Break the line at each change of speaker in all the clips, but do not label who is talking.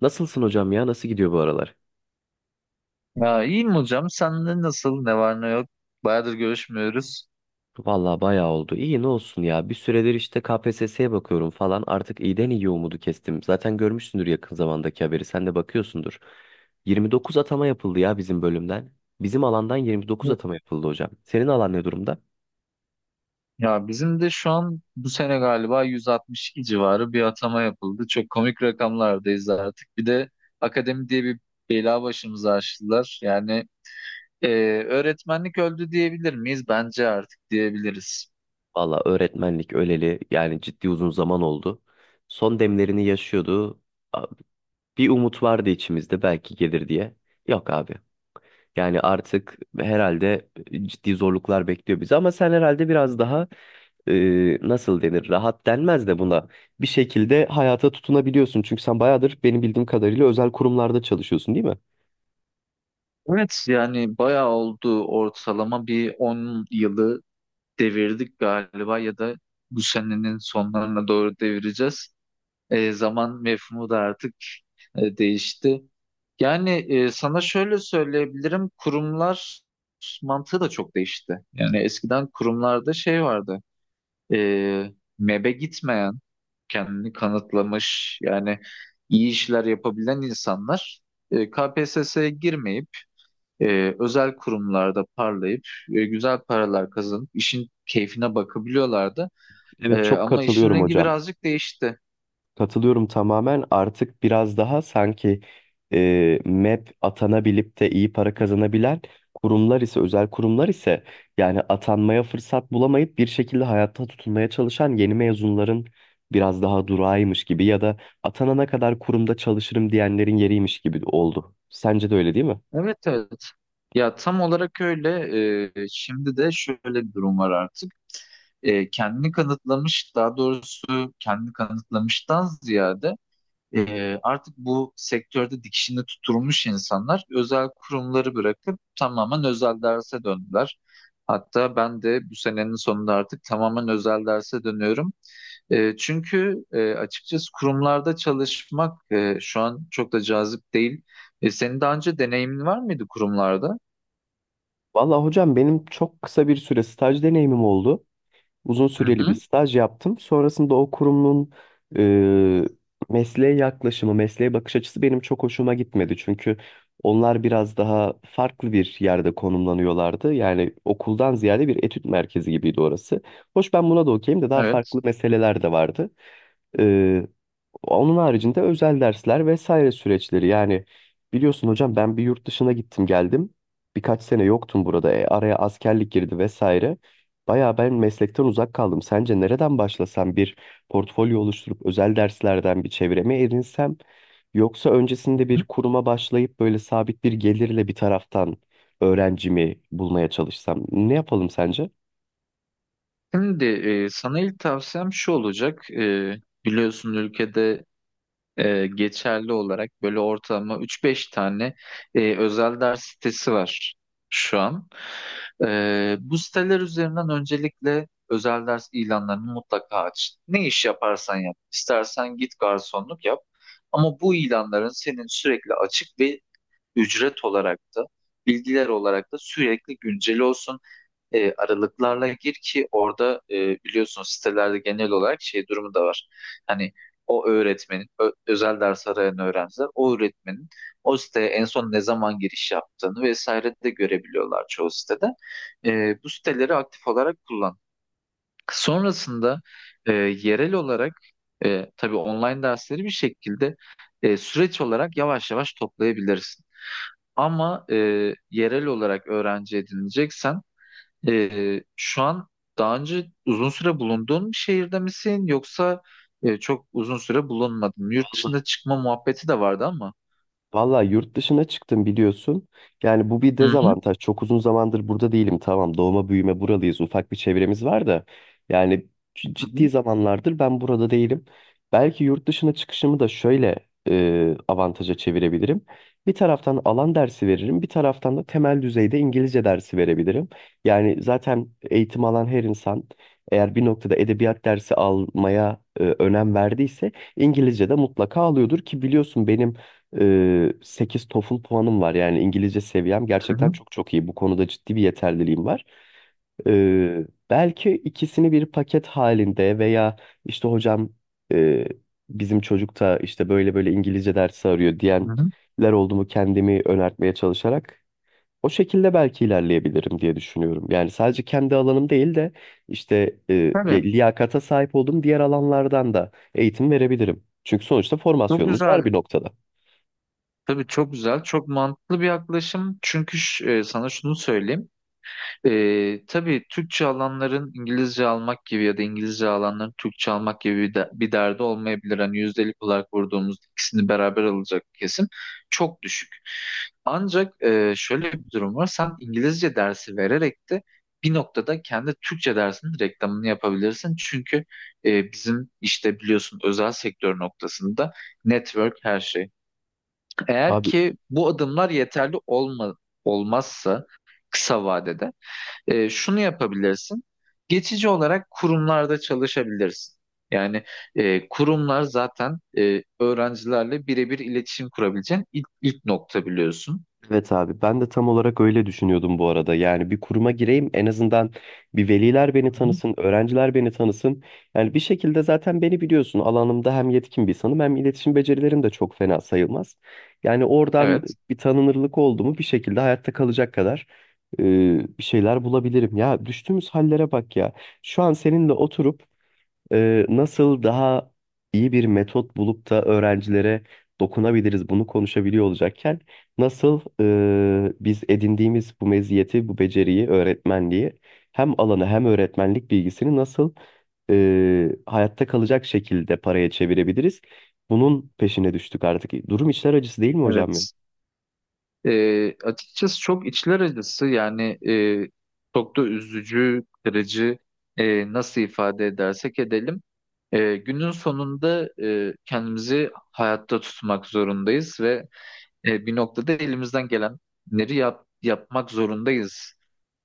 Nasılsın hocam ya? Nasıl gidiyor bu aralar?
Ya iyiyim hocam. Sende nasıl? Ne var ne yok? Bayağıdır görüşmüyoruz.
Vallahi bayağı oldu. İyi ne olsun ya. Bir süredir işte KPSS'ye bakıyorum falan. Artık iyiden iyi umudu kestim. Zaten görmüşsündür yakın zamandaki haberi. Sen de bakıyorsundur. 29 atama yapıldı ya bizim bölümden. Bizim alandan 29
Hı.
atama yapıldı hocam. Senin alan ne durumda?
Ya bizim de şu an bu sene galiba 162 civarı bir atama yapıldı. Çok komik rakamlardayız artık. Bir de akademi diye bir bela başımıza açtılar. Yani e, öğretmenlik öldü diyebilir miyiz? Bence artık diyebiliriz.
Valla öğretmenlik öleli yani ciddi uzun zaman oldu. Son demlerini yaşıyordu. A- Bir umut vardı içimizde belki gelir diye. Yok abi. Yani artık herhalde ciddi zorluklar bekliyor bizi ama sen herhalde biraz daha nasıl denir rahat denmez de buna bir şekilde hayata tutunabiliyorsun. Çünkü sen bayağıdır benim bildiğim kadarıyla özel kurumlarda çalışıyorsun değil mi?
Evet, yani bayağı oldu, ortalama bir 10 yılı devirdik galiba ya da bu senenin sonlarına doğru devireceğiz. Zaman mefhumu da artık değişti. Yani sana şöyle söyleyebilirim, kurumlar mantığı da çok değişti. Yani eskiden kurumlarda şey vardı, e, mebe gitmeyen, kendini kanıtlamış, yani iyi işler yapabilen insanlar KPSS'ye girmeyip, özel kurumlarda parlayıp, güzel paralar kazanıp, işin keyfine bakabiliyorlardı.
Evet, çok
Ama işin
katılıyorum
rengi
hocam.
birazcık değişti.
Katılıyorum tamamen. Artık biraz daha sanki MEP atanabilip de iyi para kazanabilen kurumlar ise, özel kurumlar ise yani atanmaya fırsat bulamayıp bir şekilde hayatta tutunmaya çalışan yeni mezunların biraz daha durağıymış gibi ya da atanana kadar kurumda çalışırım diyenlerin yeriymiş gibi oldu. Sence de öyle değil mi?
Evet, evet. Ya tam olarak öyle. Şimdi de şöyle bir durum var artık. Kendini kanıtlamış, daha doğrusu kendini kanıtlamıştan ziyade artık bu sektörde dikişini tutturmuş insanlar özel kurumları bırakıp tamamen özel derse döndüler. Hatta ben de bu senenin sonunda artık tamamen özel derse dönüyorum. Çünkü açıkçası kurumlarda çalışmak şu an çok da cazip değil. Senin daha önce deneyimin var mıydı kurumlarda?
Vallahi hocam benim çok kısa bir süre staj deneyimim oldu. Uzun
Hı
süreli bir
hı.
staj yaptım. Sonrasında o kurumun e, mesleğe yaklaşımı, mesleğe bakış açısı benim çok hoşuma gitmedi. Çünkü onlar biraz daha farklı bir yerde konumlanıyorlardı. Yani okuldan ziyade bir etüt merkezi gibiydi orası. Hoş ben buna da okeyim de daha
Evet.
farklı meseleler de vardı. E, Onun haricinde özel dersler vesaire süreçleri. Yani biliyorsun hocam ben bir yurt dışına gittim geldim. Birkaç sene yoktum burada. E, araya askerlik girdi vesaire. Bayağı ben meslekten uzak kaldım. Sence nereden başlasam bir portfolyo oluşturup özel derslerden bir çevreme edinsem yoksa öncesinde bir kuruma başlayıp böyle sabit bir gelirle bir taraftan öğrencimi bulmaya çalışsam ne yapalım sence?
Şimdi sana ilk tavsiyem şu olacak. Biliyorsun ülkede geçerli olarak böyle ortalama 3-5 tane özel ders sitesi var şu an. Bu siteler üzerinden öncelikle özel ders ilanlarını mutlaka aç. Ne iş yaparsan yap. İstersen git garsonluk yap. Ama bu ilanların senin sürekli açık ve ücret olarak da bilgiler olarak da sürekli güncel olsun, aralıklarla gir ki orada biliyorsunuz sitelerde genel olarak şey durumu da var. Hani o öğretmenin, özel ders arayan öğrenciler o öğretmenin o siteye en son ne zaman giriş yaptığını vesaire de görebiliyorlar çoğu sitede. Bu siteleri aktif olarak kullan. Sonrasında yerel olarak tabii online dersleri bir şekilde süreç olarak yavaş yavaş toplayabilirsin. Ama yerel olarak öğrenci edineceksen şu an daha önce uzun süre bulunduğun bir şehirde misin yoksa çok uzun süre bulunmadın? Yurt dışında çıkma muhabbeti de vardı ama.
Valla yurt dışına çıktım biliyorsun. Yani bu bir
Hı hı.
dezavantaj. Çok uzun zamandır burada değilim. Tamam doğma büyüme buralıyız. Ufak bir çevremiz var da. Yani
Hı
ciddi
hı.
zamanlardır ben burada değilim. Belki yurt dışına çıkışımı da şöyle avantaja çevirebilirim. Bir taraftan alan dersi veririm. Bir taraftan da temel düzeyde İngilizce dersi verebilirim. Yani zaten eğitim alan her insan eğer bir noktada edebiyat dersi almaya önem verdiyse İngilizce de mutlaka alıyordur ki biliyorsun benim 8 TOEFL puanım var. Yani İngilizce seviyem
Hı hı.
gerçekten çok çok iyi. Bu konuda ciddi bir yeterliliğim var. Belki ikisini bir paket halinde veya işte hocam e, bizim çocuk da işte böyle böyle İngilizce dersi arıyor
Hı hı.
diyenler oldu mu kendimi önertmeye çalışarak o şekilde belki ilerleyebilirim diye düşünüyorum. Yani sadece kendi alanım değil de işte
Tabii,
liyakata sahip olduğum diğer alanlardan da eğitim verebilirim. Çünkü sonuçta
çok
formasyonumuz var
güzel.
bir noktada.
Tabii, çok güzel. Çok mantıklı bir yaklaşım. Çünkü sana şunu söyleyeyim. Tabii Türkçe alanların İngilizce almak gibi ya da İngilizce alanların Türkçe almak gibi bir derdi olmayabilir. Hani yüzdelik olarak vurduğumuz ikisini beraber alacak kesim çok düşük. Ancak şöyle bir durum var. Sen İngilizce dersi vererek de bir noktada kendi Türkçe dersinin reklamını yapabilirsin. Çünkü bizim işte biliyorsun özel sektör noktasında network her şey. Eğer
Abi,
ki bu adımlar yeterli olmazsa kısa vadede şunu yapabilirsin. Geçici olarak kurumlarda çalışabilirsin. Yani kurumlar zaten öğrencilerle birebir iletişim kurabileceğin ilk nokta biliyorsun.
evet abi ben de tam olarak öyle düşünüyordum bu arada. Yani bir kuruma gireyim en azından bir veliler beni
Hı hı.
tanısın, öğrenciler beni tanısın. Yani bir şekilde zaten beni biliyorsun alanımda hem yetkin bir insanım hem iletişim becerilerim de çok fena sayılmaz. Yani oradan
Evet.
bir tanınırlık oldu mu bir şekilde hayatta kalacak kadar e, bir şeyler bulabilirim. Ya düştüğümüz hallere bak ya. Şu an seninle oturup nasıl daha iyi bir metot bulup da öğrencilere dokunabiliriz bunu konuşabiliyor olacakken nasıl biz edindiğimiz bu meziyeti, bu beceriyi, öğretmenliği hem alanı hem öğretmenlik bilgisini nasıl hayatta kalacak şekilde paraya çevirebiliriz? Bunun peşine düştük artık. Durum içler acısı değil mi hocam ya?
Evet. Açıkçası çok içler acısı, yani çok da üzücü, kırıcı, nasıl ifade edersek edelim. Günün sonunda kendimizi hayatta tutmak zorundayız ve bir noktada elimizden gelenleri yapmak zorundayız.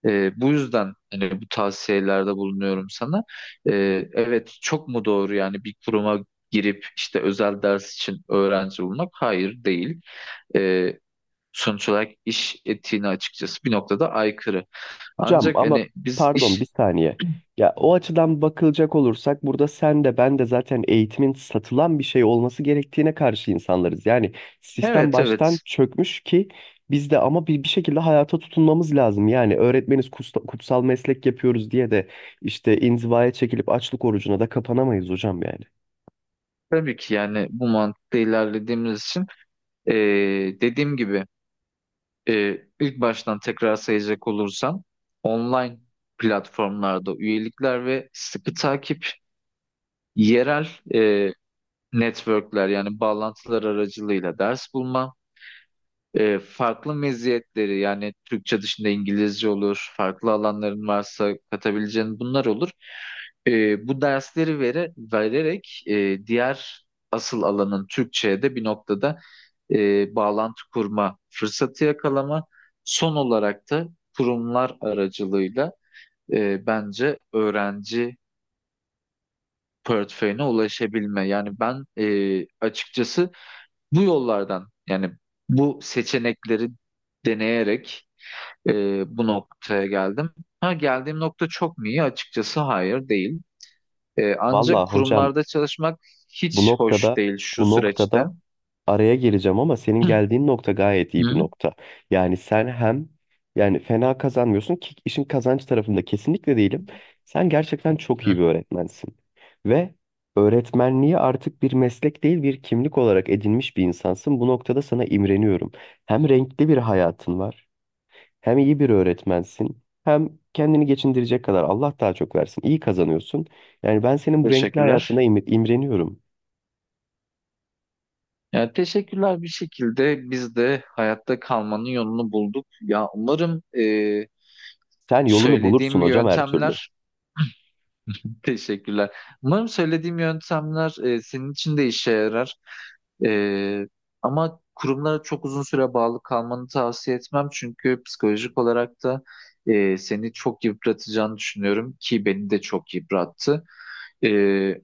Bu yüzden hani bu tavsiyelerde bulunuyorum sana. E, evet, çok mu doğru yani bir kuruma girip işte özel ders için öğrenci bulmak? Hayır, değil. E, Sonuç olarak iş etiğine açıkçası bir noktada aykırı.
Hocam
Ancak
ama
hani biz
pardon bir saniye. Ya o açıdan bakılacak olursak burada sen de ben de zaten eğitimin satılan bir şey olması gerektiğine karşı insanlarız. Yani sistem
evet,
baştan
evet,
çökmüş ki biz de ama bir şekilde hayata tutunmamız lazım. Yani öğretmeniz kutsal meslek yapıyoruz diye de işte inzivaya çekilip açlık orucuna da kapanamayız hocam yani.
tabii ki, yani bu mantıkla ilerlediğimiz için e, dediğim gibi, ilk baştan tekrar sayacak olursam, online platformlarda üyelikler ve sıkı takip, yerel e, networkler yani bağlantılar aracılığıyla ders bulma, farklı meziyetleri yani Türkçe dışında İngilizce olur, farklı alanların varsa katabileceğin bunlar olur. Bu dersleri vererek diğer asıl alanın Türkçe'ye de bir noktada bağlantı kurma fırsatı yakalama. Son olarak da kurumlar aracılığıyla bence öğrenci portföyüne ulaşabilme. Yani ben açıkçası bu yollardan yani bu seçenekleri deneyerek bu noktaya geldim. Ha, geldiğim nokta çok mu iyi? Açıkçası hayır, değil. Ancak
Vallahi hocam,
kurumlarda çalışmak
Bu
hiç hoş
noktada
değil şu
bu
süreçte.
noktada araya gireceğim ama senin geldiğin nokta gayet iyi bir
Hı?
nokta. Yani sen hem yani fena kazanmıyorsun ki işin kazanç tarafında kesinlikle değilim. Sen gerçekten çok iyi bir
Hı.
öğretmensin. Ve öğretmenliği artık bir meslek değil bir kimlik olarak edinmiş bir insansın. Bu noktada sana imreniyorum. Hem renkli bir hayatın var, hem iyi bir öğretmensin, hem kendini geçindirecek kadar Allah daha çok versin. İyi kazanıyorsun. Yani ben senin bu renkli hayatına
Teşekkürler.
imreniyorum.
Yani teşekkürler, bir şekilde biz de hayatta kalmanın yolunu bulduk. Ya umarım
Sen yolunu bulursun
söylediğim
hocam her türlü.
yöntemler. Teşekkürler. Umarım söylediğim yöntemler senin için de işe yarar. E, Ama kurumlara çok uzun süre bağlı kalmanı tavsiye etmem. Çünkü psikolojik olarak da seni çok yıpratacağını düşünüyorum ki beni de çok yıprattı. E,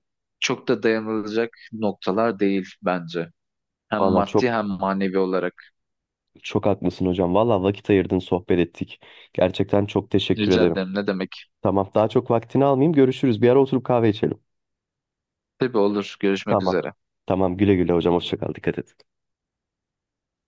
Çok da dayanılacak noktalar değil bence. Hem
Valla çok
maddi hem manevi olarak.
çok haklısın hocam. Valla vakit ayırdın, sohbet ettik. Gerçekten çok teşekkür
Rica
ederim.
ederim, ne demek.
Tamam, daha çok vaktini almayayım. Görüşürüz. Bir ara oturup kahve içelim.
Tabii, olur. Görüşmek
Tamam.
üzere.
Tamam, güle güle hocam. Hoşça kal. Dikkat et.